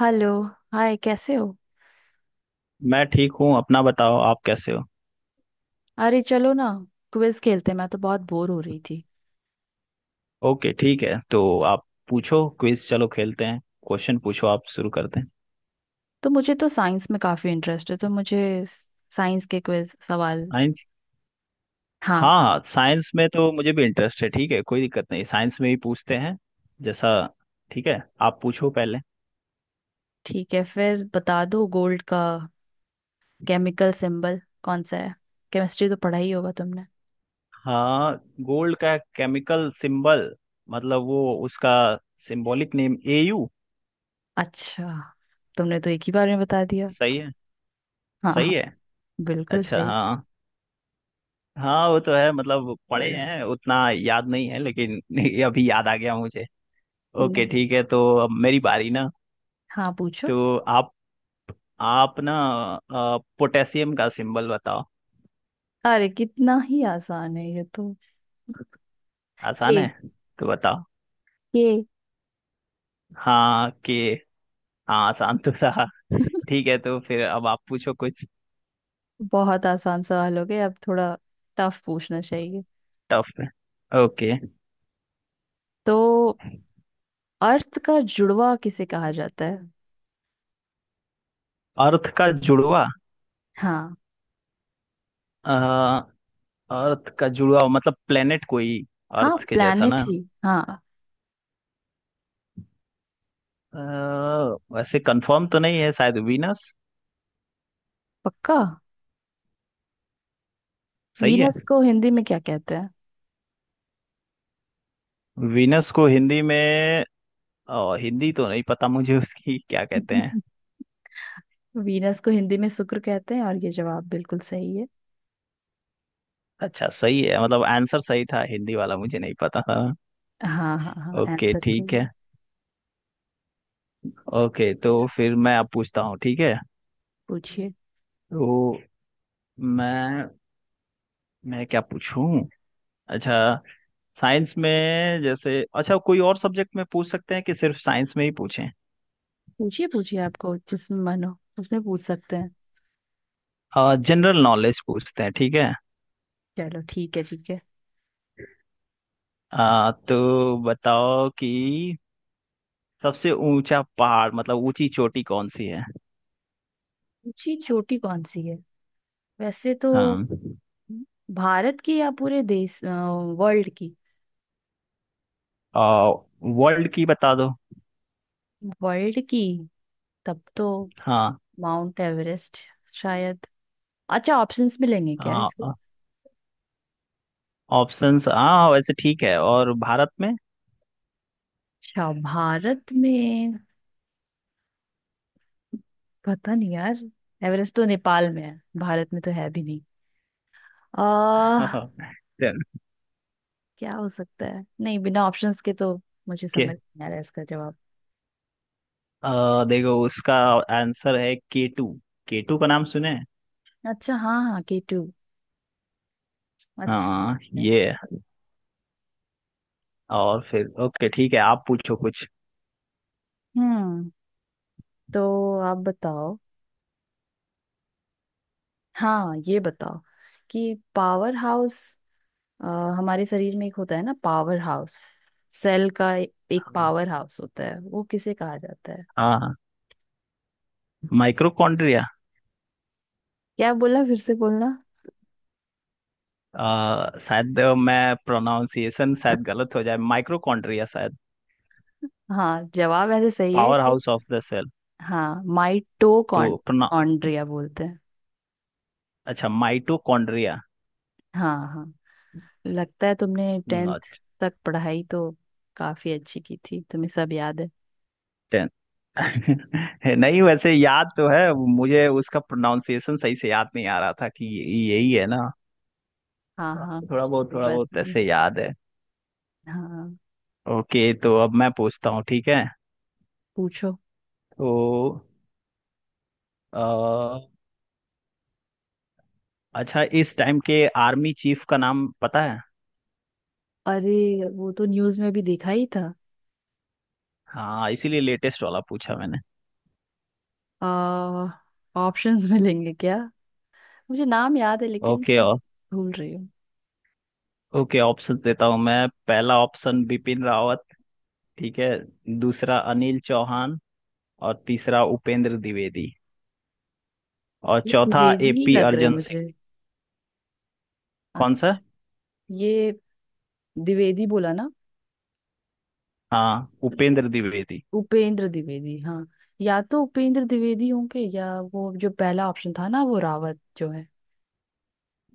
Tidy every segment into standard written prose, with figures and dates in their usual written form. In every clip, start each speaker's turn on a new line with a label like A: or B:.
A: Hello. Hi, कैसे हो?
B: मैं ठीक हूँ। अपना बताओ, आप कैसे हो?
A: अरे चलो ना, क्विज खेलते हैं। मैं तो बहुत बोर हो रही थी।
B: ओके ठीक है। तो आप पूछो, क्विज चलो खेलते हैं। क्वेश्चन पूछो, आप शुरू करते हैं।
A: तो मुझे तो साइंस में काफी इंटरेस्ट है, तो मुझे साइंस के क्विज सवाल।
B: साइंस। हाँ
A: हाँ।
B: हाँ, साइंस में तो मुझे भी इंटरेस्ट है। ठीक है, कोई दिक्कत नहीं, साइंस में ही पूछते हैं जैसा। ठीक है, आप पूछो पहले।
A: ठीक है, फिर बता दो, गोल्ड का केमिकल सिंबल कौन सा है? केमिस्ट्री तो पढ़ा ही होगा तुमने।
B: हाँ। गोल्ड का केमिकल सिंबल मतलब वो उसका सिंबॉलिक नेम एयू।
A: अच्छा, तुमने तो एक ही बार में बता दिया।
B: सही है।
A: हाँ,
B: सही
A: हाँ।
B: है।
A: बिल्कुल
B: अच्छा
A: सही।
B: हाँ। हाँ वो तो है, मतलब पढ़े हैं उतना याद नहीं है लेकिन अभी याद आ गया मुझे।
A: नहीं।
B: ओके ठीक है। तो अब मेरी बारी ना।
A: हाँ, पूछो।
B: तो आप ना, पोटेशियम का सिंबल बताओ।
A: अरे, कितना ही आसान है ये तो। के।
B: आसान है। तो बताओ।
A: के।
B: हाँ कि। हाँ आसान तो था। ठीक है, तो फिर अब आप पूछो कुछ
A: बहुत आसान सवाल हो गए, अब थोड़ा टफ पूछना चाहिए।
B: टफ में। ओके।
A: तो अर्थ का जुड़वा किसे कहा जाता है?
B: अर्थ का जुड़वा।
A: हाँ।
B: अ, अर्थ का जुड़वा मतलब प्लेनेट कोई
A: हाँ,
B: अर्थ के जैसा
A: प्लैनेट
B: ना।
A: ही। हाँ।
B: वैसे कंफर्म तो नहीं है, शायद वीनस।
A: पक्का।
B: सही है।
A: वीनस को हिंदी में क्या कहते हैं?
B: वीनस को हिंदी में हिंदी तो नहीं पता मुझे उसकी, क्या कहते हैं।
A: वीनस को हिंदी में शुक्र कहते हैं, और ये जवाब बिल्कुल सही है।
B: अच्छा सही है, मतलब आंसर सही था, हिंदी वाला मुझे नहीं पता था।
A: हाँ, हाँ, हाँ,
B: ओके
A: आंसर
B: ठीक
A: सही
B: है।
A: है।
B: ओके, तो फिर मैं अब पूछता हूँ ठीक है।
A: पूछिए,
B: तो मैं मैं क्या पूछूं? अच्छा, साइंस में जैसे अच्छा, कोई और सब्जेक्ट में पूछ सकते हैं कि सिर्फ साइंस में ही पूछें?
A: पूछिए, पूछिए, आपको जिसमें मन हो उसमें पूछ सकते हैं।
B: जनरल नॉलेज पूछते हैं, ठीक है।
A: चलो, ठीक है, ठीक है।
B: तो बताओ कि सबसे ऊंचा पहाड़ मतलब ऊंची चोटी कौन सी है?
A: ऊंची चोटी कौन सी है? वैसे तो
B: हाँ,
A: भारत की, या पूरे देश वर्ल्ड की?
B: वर्ल्ड की बता दो।
A: वर्ल्ड की? तब तो माउंट एवरेस्ट, शायद। अच्छा, ऑप्शंस मिलेंगे क्या इसके?
B: हाँ ऑप्शंस, हाँ वैसे ठीक है, और भारत में
A: अच्छा, भारत में पता नहीं यार। एवरेस्ट तो नेपाल में है, भारत में तो है भी नहीं। आ
B: चल
A: क्या हो सकता है? नहीं, बिना ऑप्शंस के तो मुझे
B: के।
A: समझ नहीं आ रहा है इसका जवाब।
B: देखो, उसका आंसर है के टू। के टू का नाम सुने हैं?
A: अच्छा, हाँ, हाँ, के टू। अच्छा
B: हाँ
A: यार।
B: ये है। और फिर ओके ठीक है, आप पूछो कुछ।
A: हम्म। तो आप बताओ। हाँ, ये बताओ कि पावर हाउस, अ, हमारे शरीर में एक होता है ना पावर हाउस, सेल का एक पावर हाउस होता है, वो किसे कहा जाता है?
B: हाँ, माइक्रोकॉन्ड्रिया।
A: क्या बोला? फिर से बोलना।
B: शायद मैं प्रोनाउंसिएशन शायद गलत हो जाए, माइक्रोकॉन्ड्रिया शायद।
A: हाँ, जवाब ऐसे सही है
B: पावर
A: इसे।
B: House of the cell.
A: हाँ,
B: तो प्रोना
A: माइटोकॉन्ड्रिया बोलते हैं।
B: अच्छा, माइटोकॉन्ड्रिया।
A: हाँ, हाँ। लगता है तुमने टेंथ तक पढ़ाई तो काफी अच्छी की थी, तुम्हें सब याद है।
B: टेन। नहीं, वैसे याद तो है मुझे, उसका प्रोनाउंसिएशन सही से याद नहीं आ रहा था कि यही है ना।
A: हाँ, हाँ,
B: थोड़ा बहुत
A: कोई
B: थोड़ा
A: बात
B: बहुत
A: नहीं।
B: ऐसे याद है।
A: हाँ,
B: ओके, तो अब मैं पूछता हूँ, ठीक है।
A: पूछो।
B: तो अ, अच्छा, इस टाइम के आर्मी चीफ का नाम पता है?
A: अरे, वो तो न्यूज में भी देखा ही था।
B: हाँ, इसीलिए लेटेस्ट वाला पूछा मैंने।
A: आ ऑप्शंस मिलेंगे क्या? मुझे नाम याद है, लेकिन
B: ओके
A: मैं
B: ओ-
A: भूल रही हूँ।
B: ओके ऑप्शन देता हूँ मैं। पहला ऑप्शन बिपिन रावत, ठीक है। दूसरा अनिल चौहान, और तीसरा उपेंद्र द्विवेदी, और
A: ये
B: चौथा
A: द्विवेदी ही
B: एपी
A: लग रहे हैं
B: अर्जन सिंह।
A: मुझे।
B: कौन सा?
A: अच्छा। ये द्विवेदी बोला ना?
B: हाँ, उपेंद्र द्विवेदी।
A: उपेंद्र द्विवेदी, हाँ। या तो उपेंद्र द्विवेदी होंगे, या वो जो पहला ऑप्शन था ना, वो रावत जो है।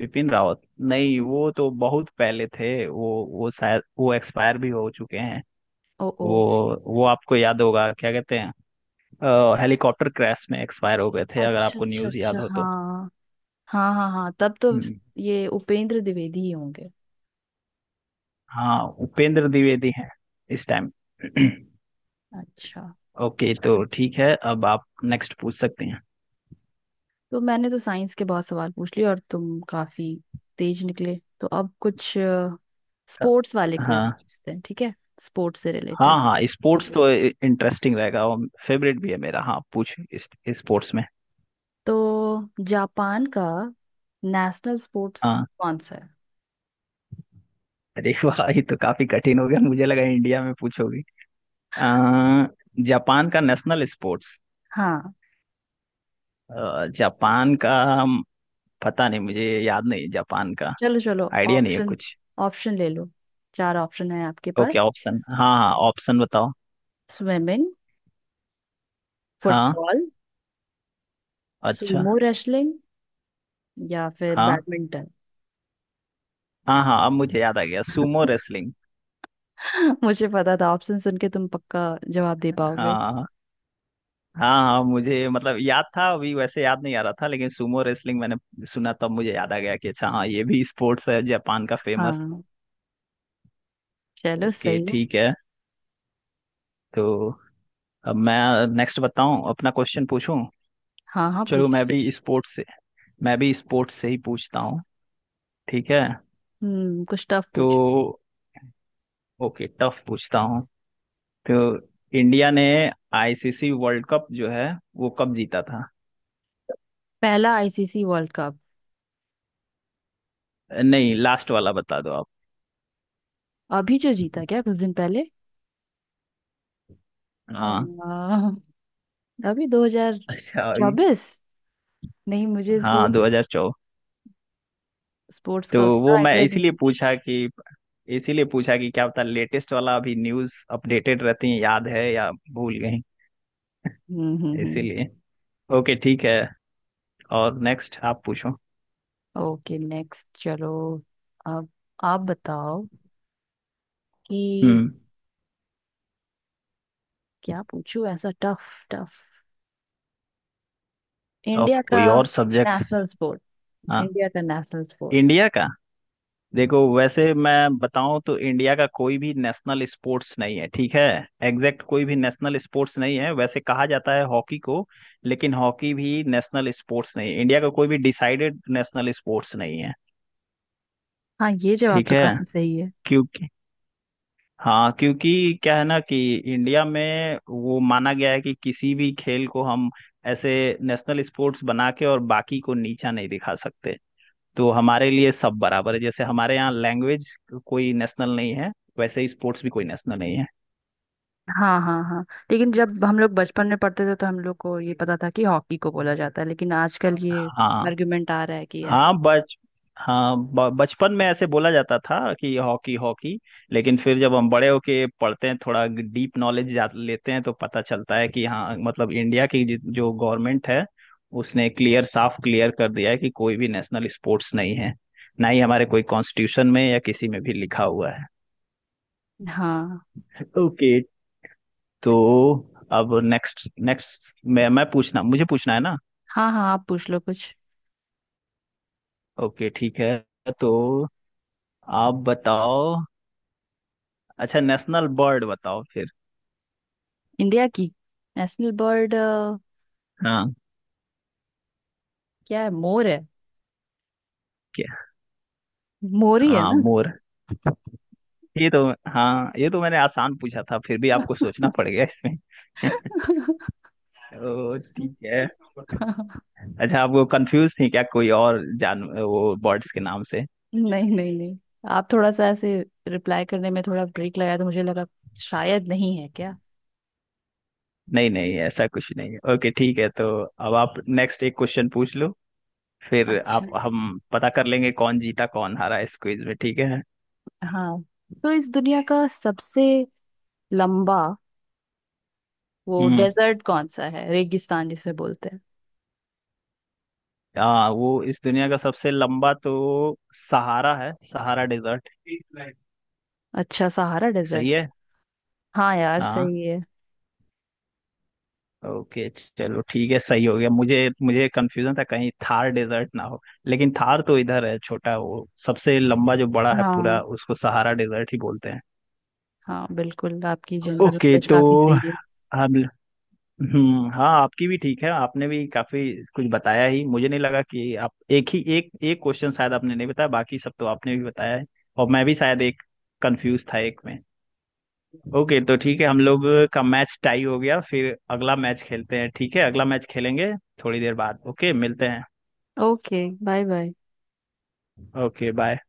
B: विपिन रावत नहीं, वो तो बहुत पहले थे, वो शायद वो एक्सपायर भी हो चुके हैं।
A: ओ, ओ।
B: वो वो आपको याद होगा क्या कहते हैं, हेलीकॉप्टर क्रैश में एक्सपायर हो गए थे, अगर
A: अच्छा,
B: आपको
A: अच्छा,
B: न्यूज़
A: अच्छा,
B: याद हो तो।
A: हाँ। हाँ, हाँ, हाँ, तब तो
B: हम्म,
A: ये उपेंद्र द्विवेदी ही होंगे।
B: हाँ उपेंद्र द्विवेदी हैं इस टाइम।
A: अच्छा।
B: ओके तो ठीक है, अब आप नेक्स्ट पूछ सकते हैं।
A: तो मैंने तो साइंस के बहुत सवाल पूछ लिए, और तुम काफी तेज निकले, तो अब कुछ
B: अ,
A: स्पोर्ट्स वाले क्विज
B: हाँ
A: पूछते हैं, ठीक है? स्पोर्ट्स से
B: हाँ
A: रिलेटेड।
B: हाँ, स्पोर्ट्स तो इंटरेस्टिंग रहेगा और फेवरेट भी है मेरा। हाँ पूछ इस, स्पोर्ट्स में।
A: तो जापान का नेशनल स्पोर्ट्स
B: हाँ।
A: कौन सा है?
B: अरे वाह, ये तो काफी कठिन हो गया, मुझे लगा इंडिया में पूछोगे। अ, जापान का नेशनल स्पोर्ट्स।
A: हाँ,
B: जापान का पता नहीं, मुझे याद नहीं जापान का।
A: चलो, चलो,
B: आइडिया नहीं है
A: ऑप्शन।
B: कुछ।
A: ऑप्शन ले लो। चार ऑप्शन है आपके
B: ओके
A: पास।
B: ऑप्शन, हाँ हाँ ऑप्शन बताओ।
A: स्विमिंग,
B: हाँ।
A: फुटबॉल,
B: अच्छा।
A: सुमो रेसलिंग या फिर
B: हाँ
A: बैडमिंटन।
B: हाँ हाँ, अब मुझे याद आ गया, सुमो रेसलिंग।
A: मुझे पता था ऑप्शन सुन के तुम पक्का जवाब दे पाओगे।
B: हाँ हाँ हाँ, मुझे मतलब याद था, अभी वैसे याद नहीं आ रहा था लेकिन सुमो रेसलिंग मैंने सुना, तब मुझे याद आ गया कि अच्छा हाँ, ये भी स्पोर्ट्स है जापान का फेमस।
A: हाँ, चलो,
B: ओके
A: सही है।
B: ठीक है। तो अब मैं नेक्स्ट बताऊं, अपना क्वेश्चन पूछूं।
A: हाँ, हाँ,
B: चलो,
A: पूछ।
B: मैं भी स्पोर्ट्स से ही पूछता हूं, ठीक है।
A: हम्म, कुछ टफ पूछ।
B: तो ओके, टफ पूछता हूं। तो इंडिया ने आईसीसी वर्ल्ड कप जो है वो कब जीता था?
A: पहला आईसीसी वर्ल्ड कप?
B: नहीं, लास्ट वाला बता दो आप।
A: अभी जो जीता, क्या कुछ दिन पहले?
B: हाँ।
A: आ, अभी
B: अच्छा
A: 2024। नहीं, मुझे
B: हाँ,
A: स्पोर्ट्स
B: 2014।
A: स्पोर्ट्स
B: तो
A: का उतना
B: वो मैं
A: आइडिया नहीं
B: इसीलिए
A: है।
B: पूछा कि इसीलिए पूछा कि क्या पता लेटेस्ट वाला, अभी न्यूज़ अपडेटेड रहती है याद है या भूल गई,
A: हम्म, हम्म, हम्म।
B: इसीलिए। ओके ठीक है, और नेक्स्ट आप पूछो।
A: ओके, नेक्स्ट चलो। अब आप बताओ कि
B: हम्म।
A: क्या पूछूं ऐसा टफ टफ,
B: ऑफ
A: इंडिया का
B: कोई और सब्जेक्ट्स।
A: National sport.
B: हाँ।
A: इंडिया का नेशनल स्पोर्ट?
B: इंडिया का। देखो वैसे मैं बताऊं तो, इंडिया का कोई भी नेशनल स्पोर्ट्स नहीं है, ठीक है। एग्जैक्ट कोई भी नेशनल स्पोर्ट्स नहीं है, वैसे कहा जाता है हॉकी को, लेकिन हॉकी भी नेशनल स्पोर्ट्स नहीं है। इंडिया का कोई भी डिसाइडेड नेशनल स्पोर्ट्स नहीं है।
A: हाँ, ये जवाब
B: ठीक
A: तो
B: है,
A: काफी सही है।
B: क्योंकि हाँ, क्योंकि क्या है ना कि इंडिया में वो माना गया है कि किसी भी खेल को हम ऐसे नेशनल स्पोर्ट्स बना के और बाकी को नीचा नहीं दिखा सकते। तो हमारे लिए सब बराबर है, जैसे हमारे यहाँ लैंग्वेज कोई नेशनल नहीं है, वैसे ही स्पोर्ट्स भी कोई नेशनल नहीं है।
A: हाँ, हाँ, हाँ, लेकिन जब हम लोग बचपन में पढ़ते थे तो हम लोग को ये पता था कि हॉकी को बोला जाता है, लेकिन आजकल हाँ ये
B: हाँ।
A: आर्गुमेंट आ रहा है कि ऐसा।
B: हाँ बच हाँ, बचपन में ऐसे बोला जाता था कि हॉकी हॉकी, लेकिन फिर जब हम बड़े होके पढ़ते हैं, थोड़ा डीप नॉलेज लेते हैं, तो पता चलता है कि हाँ मतलब, इंडिया की जो गवर्नमेंट है उसने क्लियर, साफ क्लियर कर दिया है कि कोई भी नेशनल स्पोर्ट्स नहीं है, ना ही हमारे कोई कॉन्स्टिट्यूशन में या किसी में भी लिखा हुआ है।
A: हाँ,
B: ओके। तो अब नेक्स्ट नेक्स्ट मैं पूछना मुझे पूछना है ना।
A: हाँ, हाँ, आप पूछ लो कुछ।
B: ओके ठीक है, तो आप बताओ। अच्छा, नेशनल बर्ड बताओ फिर।
A: इंडिया की नेशनल बर्ड
B: हाँ।
A: क्या है, मोर है?
B: क्या?
A: मोर ही है
B: हाँ,
A: ना?
B: मोर। ये तो हाँ, ये तो मैंने आसान पूछा था, फिर भी आपको सोचना पड़ गया इसमें ओ ठीक है। अच्छा, आप वो कंफ्यूज थी क्या, कोई और जान वो बर्ड्स के नाम से?
A: नहीं, नहीं, नहीं। आप थोड़ा सा ऐसे रिप्लाई करने में थोड़ा ब्रेक लगाया, तो मुझे लगा शायद नहीं है क्या।
B: नहीं नहीं, ऐसा कुछ नहीं है। ओके ठीक है, तो अब आप नेक्स्ट एक क्वेश्चन पूछ लो, फिर
A: अच्छा।
B: आप हम पता कर लेंगे कौन जीता कौन हारा इस क्विज में, ठीक है।
A: हाँ। तो इस दुनिया का सबसे लंबा वो
B: हम्म।
A: डेजर्ट कौन सा है, रेगिस्तान जिसे बोलते हैं?
B: हाँ, वो इस दुनिया का सबसे लंबा तो सहारा है, सहारा डेजर्ट।
A: Heathland। अच्छा, सहारा
B: सही
A: डेजर्ट है।
B: है।
A: हाँ यार,
B: हाँ।
A: सही है।
B: ओके, चलो ठीक है, सही हो गया। मुझे मुझे कंफ्यूजन था कहीं थार डेजर्ट ना हो, लेकिन थार तो इधर है छोटा, वो सबसे लंबा जो बड़ा है पूरा
A: हाँ,
B: उसको सहारा डेजर्ट ही बोलते हैं।
A: हाँ, बिल्कुल आपकी जनरल
B: ओके।
A: नॉलेज
B: तो
A: काफी सही है।
B: हम हम्म, हाँ आपकी भी ठीक है, आपने भी काफी कुछ बताया ही, मुझे नहीं लगा कि आप एक ही एक एक क्वेश्चन शायद आपने नहीं बताया, बाकी सब तो आपने भी बताया है, और मैं भी शायद एक कंफ्यूज था एक में। ओके तो ठीक है, हम लोग का मैच टाई हो गया, फिर अगला मैच खेलते हैं, ठीक है, अगला मैच खेलेंगे थोड़ी देर बाद, ओके मिलते हैं।
A: Okay, bye, bye.
B: Okay bye.